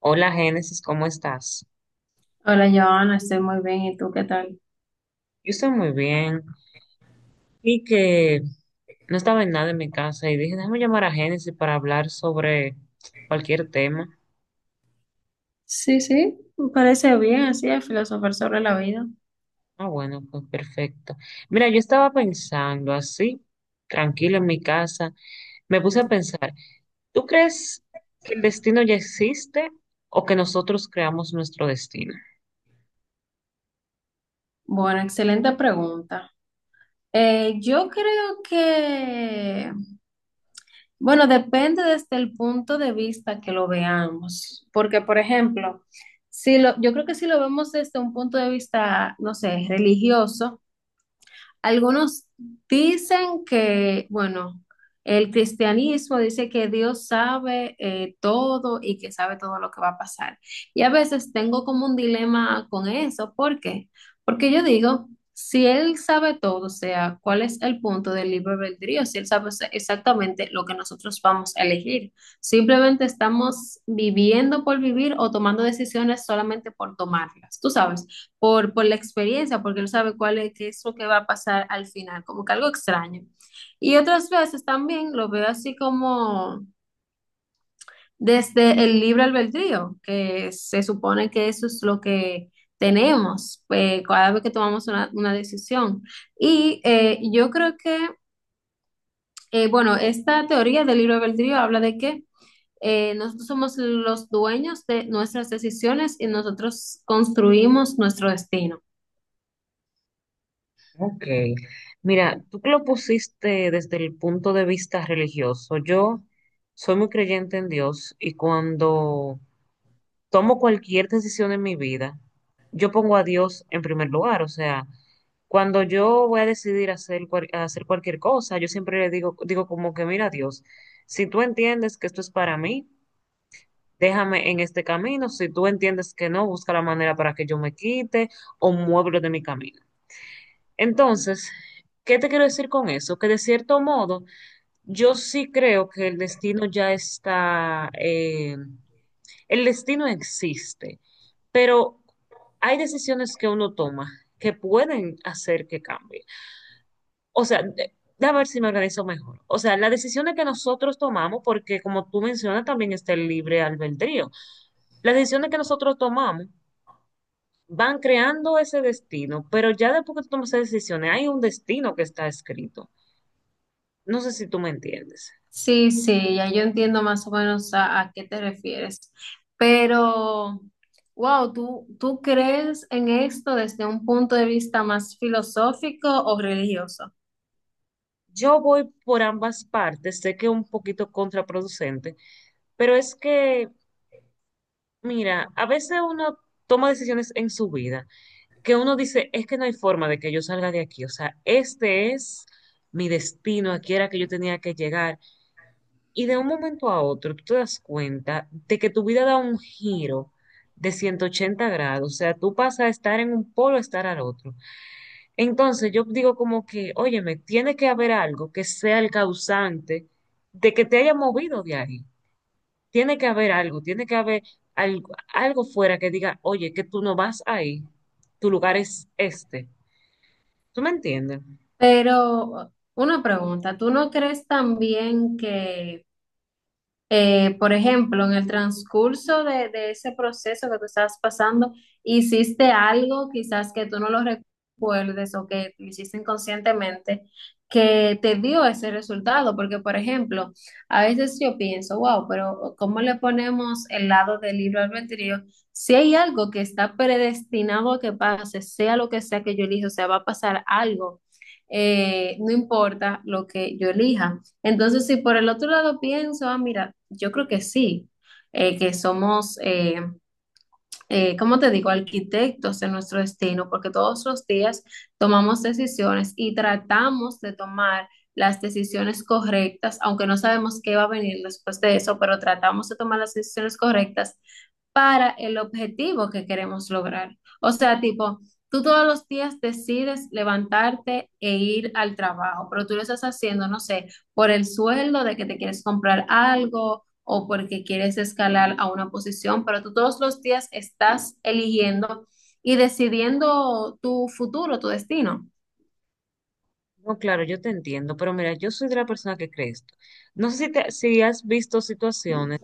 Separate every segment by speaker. Speaker 1: Hola Génesis, ¿cómo estás?
Speaker 2: Hola, Joana, estoy muy bien. ¿Y tú qué tal?
Speaker 1: Yo estoy muy bien y que no estaba en nada en mi casa y dije, déjame llamar a Génesis para hablar sobre cualquier tema.
Speaker 2: Sí, sí, me parece bien, así es, filosofar sobre la vida.
Speaker 1: Ah, bueno, pues perfecto. Mira, yo estaba pensando así, tranquilo en mi casa, me puse a pensar, ¿tú crees que el destino ya existe o que nosotros creamos nuestro destino?
Speaker 2: Bueno, excelente pregunta. Yo creo que, bueno, depende desde el punto de vista que lo veamos, porque, por ejemplo, si lo, yo creo que si lo vemos desde un punto de vista, no sé, religioso, algunos dicen que, bueno, el cristianismo dice que Dios sabe todo y que sabe todo lo que va a pasar. Y a veces tengo como un dilema con eso. ¿Por qué? Porque yo digo, si Él sabe todo, o sea, ¿cuál es el punto del libre albedrío? Si Él sabe exactamente lo que nosotros vamos a elegir. Simplemente estamos viviendo por vivir o tomando decisiones solamente por tomarlas. Tú sabes, por la experiencia, porque él sabe qué es lo que va a pasar al final, como que algo extraño. Y otras veces también lo veo así como desde el libre albedrío, que se supone que eso es lo que tenemos cada vez que tomamos una decisión. Y eh, yo creo que, bueno, esta teoría del libre albedrío habla de que nosotros somos los dueños de nuestras decisiones y nosotros construimos nuestro destino.
Speaker 1: Ok, mira, tú que lo pusiste desde el punto de vista religioso, yo soy muy creyente en Dios y cuando tomo cualquier decisión en mi vida, yo pongo a Dios en primer lugar, o sea, cuando yo voy a decidir hacer, hacer cualquier cosa, yo siempre le digo, digo como que, mira Dios, si tú entiendes que esto es para mí, déjame en este camino, si tú entiendes que no, busca la manera para que yo me quite o muévelo de mi camino. Entonces, ¿qué te quiero decir con eso? Que de cierto modo, yo sí creo que el destino ya está, el destino existe, pero hay decisiones que uno toma que pueden hacer que cambie. O sea, déjame ver si me organizo mejor. O sea, las decisiones que nosotros tomamos, porque como tú mencionas, también está el libre albedrío. Las decisiones que nosotros tomamos van creando ese destino, pero ya después que tú tomas esas decisiones, hay un destino que está escrito. No sé si tú me entiendes.
Speaker 2: Sí, sí, ya yo entiendo más o menos a qué te refieres. Pero, wow, ¿tú crees en esto desde un punto de vista más filosófico o religioso?
Speaker 1: Yo voy por ambas partes, sé que es un poquito contraproducente, pero es que, mira, a veces uno toma decisiones en su vida que uno dice, es que no hay forma de que yo salga de aquí, o sea, este es mi destino, aquí era que yo tenía que llegar. Y de un momento a otro, tú te das cuenta de que tu vida da un giro de 180 grados, o sea, tú pasas a estar en un polo a estar al otro. Entonces yo digo como que, óyeme, tiene que haber algo que sea el causante de que te haya movido de ahí. Tiene que haber algo, tiene que haber algo, algo fuera que diga, oye, que tú no vas ahí, tu lugar es este. ¿Tú me entiendes?
Speaker 2: Pero una pregunta, ¿tú no crees también que... Por ejemplo, en el transcurso de ese proceso que tú estás pasando, hiciste algo quizás que tú no lo recuerdes o que lo hiciste inconscientemente que te dio ese resultado. Porque, por ejemplo, a veces yo pienso, wow, pero ¿cómo le ponemos el lado del libro albedrío? Si hay algo que está predestinado a que pase, sea lo que sea que yo elija, o sea, va a pasar algo, no importa lo que yo elija. Entonces, si por el otro lado pienso, ah, mira, yo creo que sí, que somos, ¿cómo te digo?, arquitectos de nuestro destino, porque todos los días tomamos decisiones y tratamos de tomar las decisiones correctas, aunque no sabemos qué va a venir después de eso, pero tratamos de tomar las decisiones correctas para el objetivo que queremos lograr. O sea, tipo, tú todos los días decides levantarte e ir al trabajo, pero tú lo estás haciendo, no sé, por el sueldo de que te quieres comprar algo o porque quieres escalar a una posición, pero tú todos los días estás eligiendo y decidiendo tu futuro, tu destino.
Speaker 1: No, claro, yo te entiendo, pero mira, yo soy de la persona que cree esto. No sé si, si has visto situaciones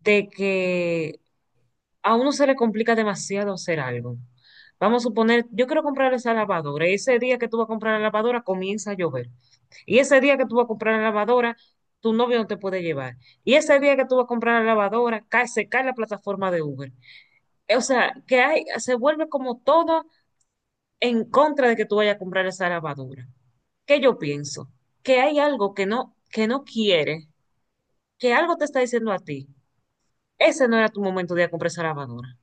Speaker 1: de que a uno se le complica demasiado hacer algo. Vamos a suponer, yo quiero comprar esa lavadora y ese día que tú vas a comprar la lavadora comienza a llover. Y ese día que tú vas a comprar la lavadora, tu novio no te puede llevar. Y ese día que tú vas a comprar la lavadora, se cae la plataforma de Uber. O sea, que hay, se vuelve como todo en contra de que tú vayas a comprar esa lavadora. ¿Qué yo pienso? Que hay algo que no quiere, que algo te está diciendo a ti. Ese no era tu momento de ir a comprar esa lavadora.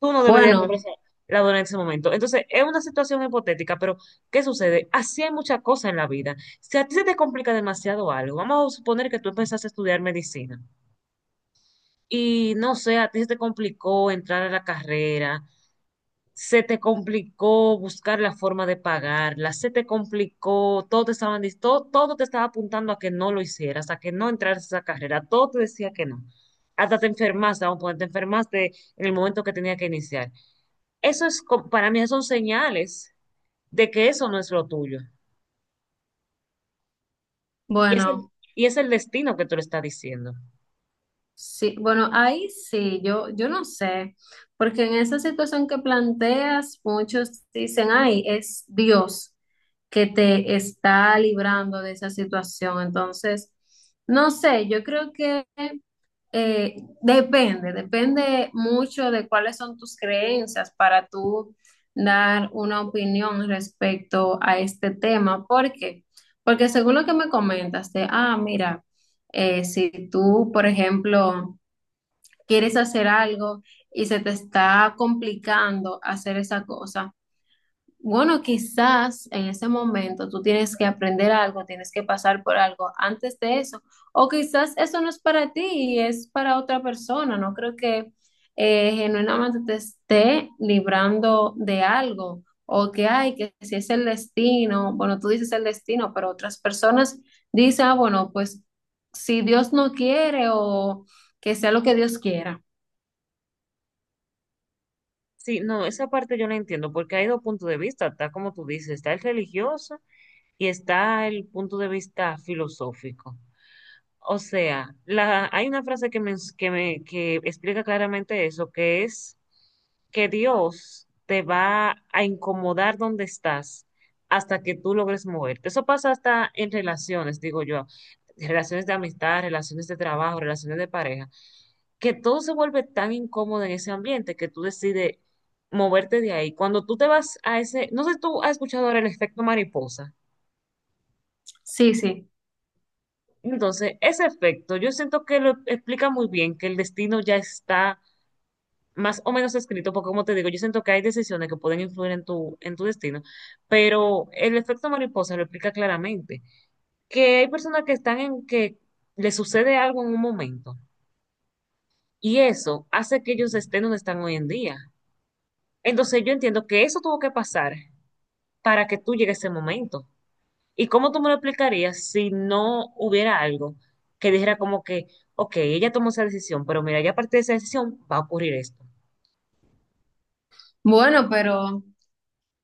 Speaker 1: Tú no deberías
Speaker 2: Bueno,
Speaker 1: comprarse la dona en ese momento. Entonces, es una situación hipotética, pero ¿qué sucede? Así hay muchas cosas en la vida. Si a ti se te complica demasiado algo, vamos a suponer que tú empezaste a estudiar medicina y no sé, a ti se te complicó entrar a la carrera, se te complicó buscar la forma de pagarla, se te complicó, todo, todo te estaba apuntando a que no lo hicieras, a que no entraras a esa carrera, todo te decía que no. Hasta te enfermaste, vamos a poner, te enfermaste en el momento que tenía que iniciar. Eso es, para mí, son señales de que eso no es lo tuyo. Y es el,
Speaker 2: bueno.
Speaker 1: y es el destino que tú le estás diciendo.
Speaker 2: Sí, bueno, ahí sí, yo no sé, porque en esa situación que planteas, muchos dicen, ay, es Dios que te está librando de esa situación. Entonces, no sé, yo creo que eh, depende mucho de cuáles son tus creencias para tú dar una opinión respecto a este tema. ¿Por qué? Porque según lo que me comentas de, ah, mira, si tú, por ejemplo, quieres hacer algo y se te está complicando hacer esa cosa. Bueno, quizás en ese momento tú tienes que aprender algo, tienes que pasar por algo antes de eso, o quizás eso no es para ti y es para otra persona. No creo que genuinamente te esté librando de algo o que hay, que si es el destino, bueno, tú dices el destino, pero otras personas dicen, ah, bueno, pues si Dios no quiere o que sea lo que Dios quiera.
Speaker 1: Sí, no, esa parte yo la entiendo, porque hay dos puntos de vista, está como tú dices, está el religioso y está el punto de vista filosófico. O sea, hay una frase que, que explica claramente eso, que es que Dios te va a incomodar donde estás hasta que tú logres moverte. Eso pasa hasta en relaciones, digo yo, relaciones de amistad, relaciones de trabajo, relaciones de pareja, que todo se vuelve tan incómodo en ese ambiente que tú decides moverte de ahí. Cuando tú te vas a ese, no sé si tú has escuchado ahora el efecto mariposa.
Speaker 2: Sí, sí.
Speaker 1: Entonces, ese efecto, yo siento que lo explica muy bien que el destino ya está más o menos escrito, porque como te digo, yo siento que hay decisiones que pueden influir en tu destino, pero el efecto mariposa lo explica claramente, que hay personas que están en que les sucede algo en un momento y eso hace que ellos estén donde están hoy en día. Entonces, yo entiendo que eso tuvo que pasar para que tú llegues a ese momento. ¿Y cómo tú me lo explicarías si no hubiera algo que dijera como que, ok, ella tomó esa decisión, pero mira, ya a partir de esa decisión va a ocurrir esto?
Speaker 2: Bueno,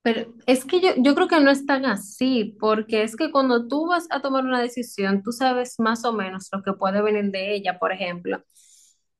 Speaker 2: pero es que yo creo que no es tan así, porque es que cuando tú vas a tomar una decisión, tú sabes más o menos lo que puede venir de ella. Por ejemplo,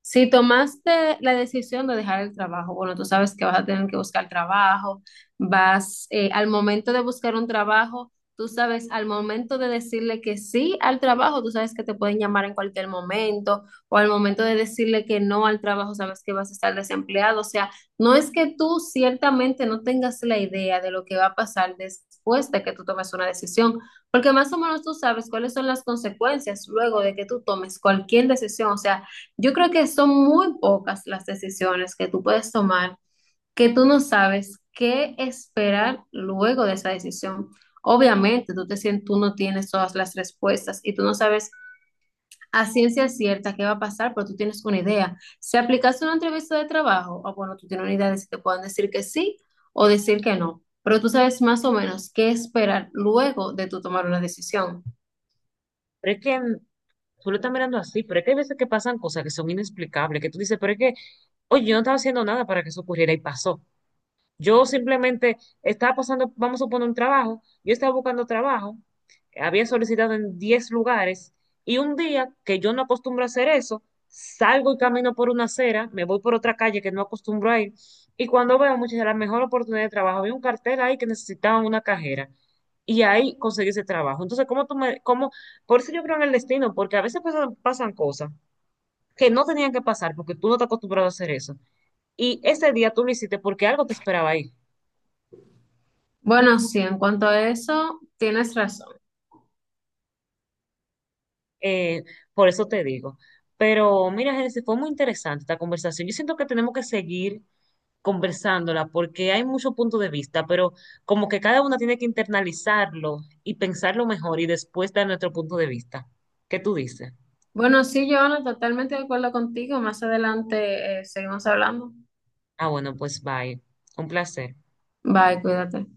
Speaker 2: si tomaste la decisión de dejar el trabajo, bueno, tú sabes que vas a tener que buscar trabajo, vas al momento de buscar un trabajo, tú sabes al momento de decirle que sí al trabajo, tú sabes que te pueden llamar en cualquier momento, o al momento de decirle que no al trabajo, sabes que vas a estar desempleado, o sea. No es que tú ciertamente no tengas la idea de lo que va a pasar después de que tú tomes una decisión, porque más o menos tú sabes cuáles son las consecuencias luego de que tú tomes cualquier decisión. O sea, yo creo que son muy pocas las decisiones que tú puedes tomar que tú no sabes qué esperar luego de esa decisión. Obviamente, tú te sientes, tú no tienes todas las respuestas y tú no sabes a ciencia cierta qué va a pasar, pero tú tienes una idea. Si aplicaste una entrevista de trabajo, ah, bueno, tú tienes una idea de si te pueden decir que sí o decir que no, pero tú sabes más o menos qué esperar luego de tú tomar una decisión.
Speaker 1: Pero es que tú lo estás mirando así, pero es que hay veces que pasan cosas que son inexplicables, que tú dices, pero es que, oye, yo no estaba haciendo nada para que eso ocurriera y pasó. Yo simplemente estaba pasando, vamos a poner un trabajo, yo estaba buscando trabajo, había solicitado en 10 lugares y un día que yo no acostumbro a hacer eso, salgo y camino por una acera, me voy por otra calle que no acostumbro a ir y cuando veo muchas de las mejores oportunidades de trabajo, había un cartel ahí que necesitaban una cajera y ahí conseguí ese trabajo. Entonces, ¿cómo tú me, cómo, por eso yo creo en el destino, porque a veces pasan, pasan cosas que no tenían que pasar porque tú no te acostumbrado a hacer eso. Y ese día tú lo hiciste porque algo te esperaba ahí.
Speaker 2: Bueno, sí, en cuanto a eso, tienes razón.
Speaker 1: Eh, por eso te digo. Pero mira, Génesis, fue muy interesante esta conversación. Yo siento que tenemos que seguir conversándola porque hay muchos puntos de vista, pero como que cada uno tiene que internalizarlo y pensarlo mejor y después dar nuestro punto de vista. ¿Qué tú dices?
Speaker 2: Bueno, sí, Joana, totalmente de acuerdo contigo. Más adelante, seguimos hablando.
Speaker 1: Ah, bueno, pues bye. Un placer.
Speaker 2: Bye, cuídate.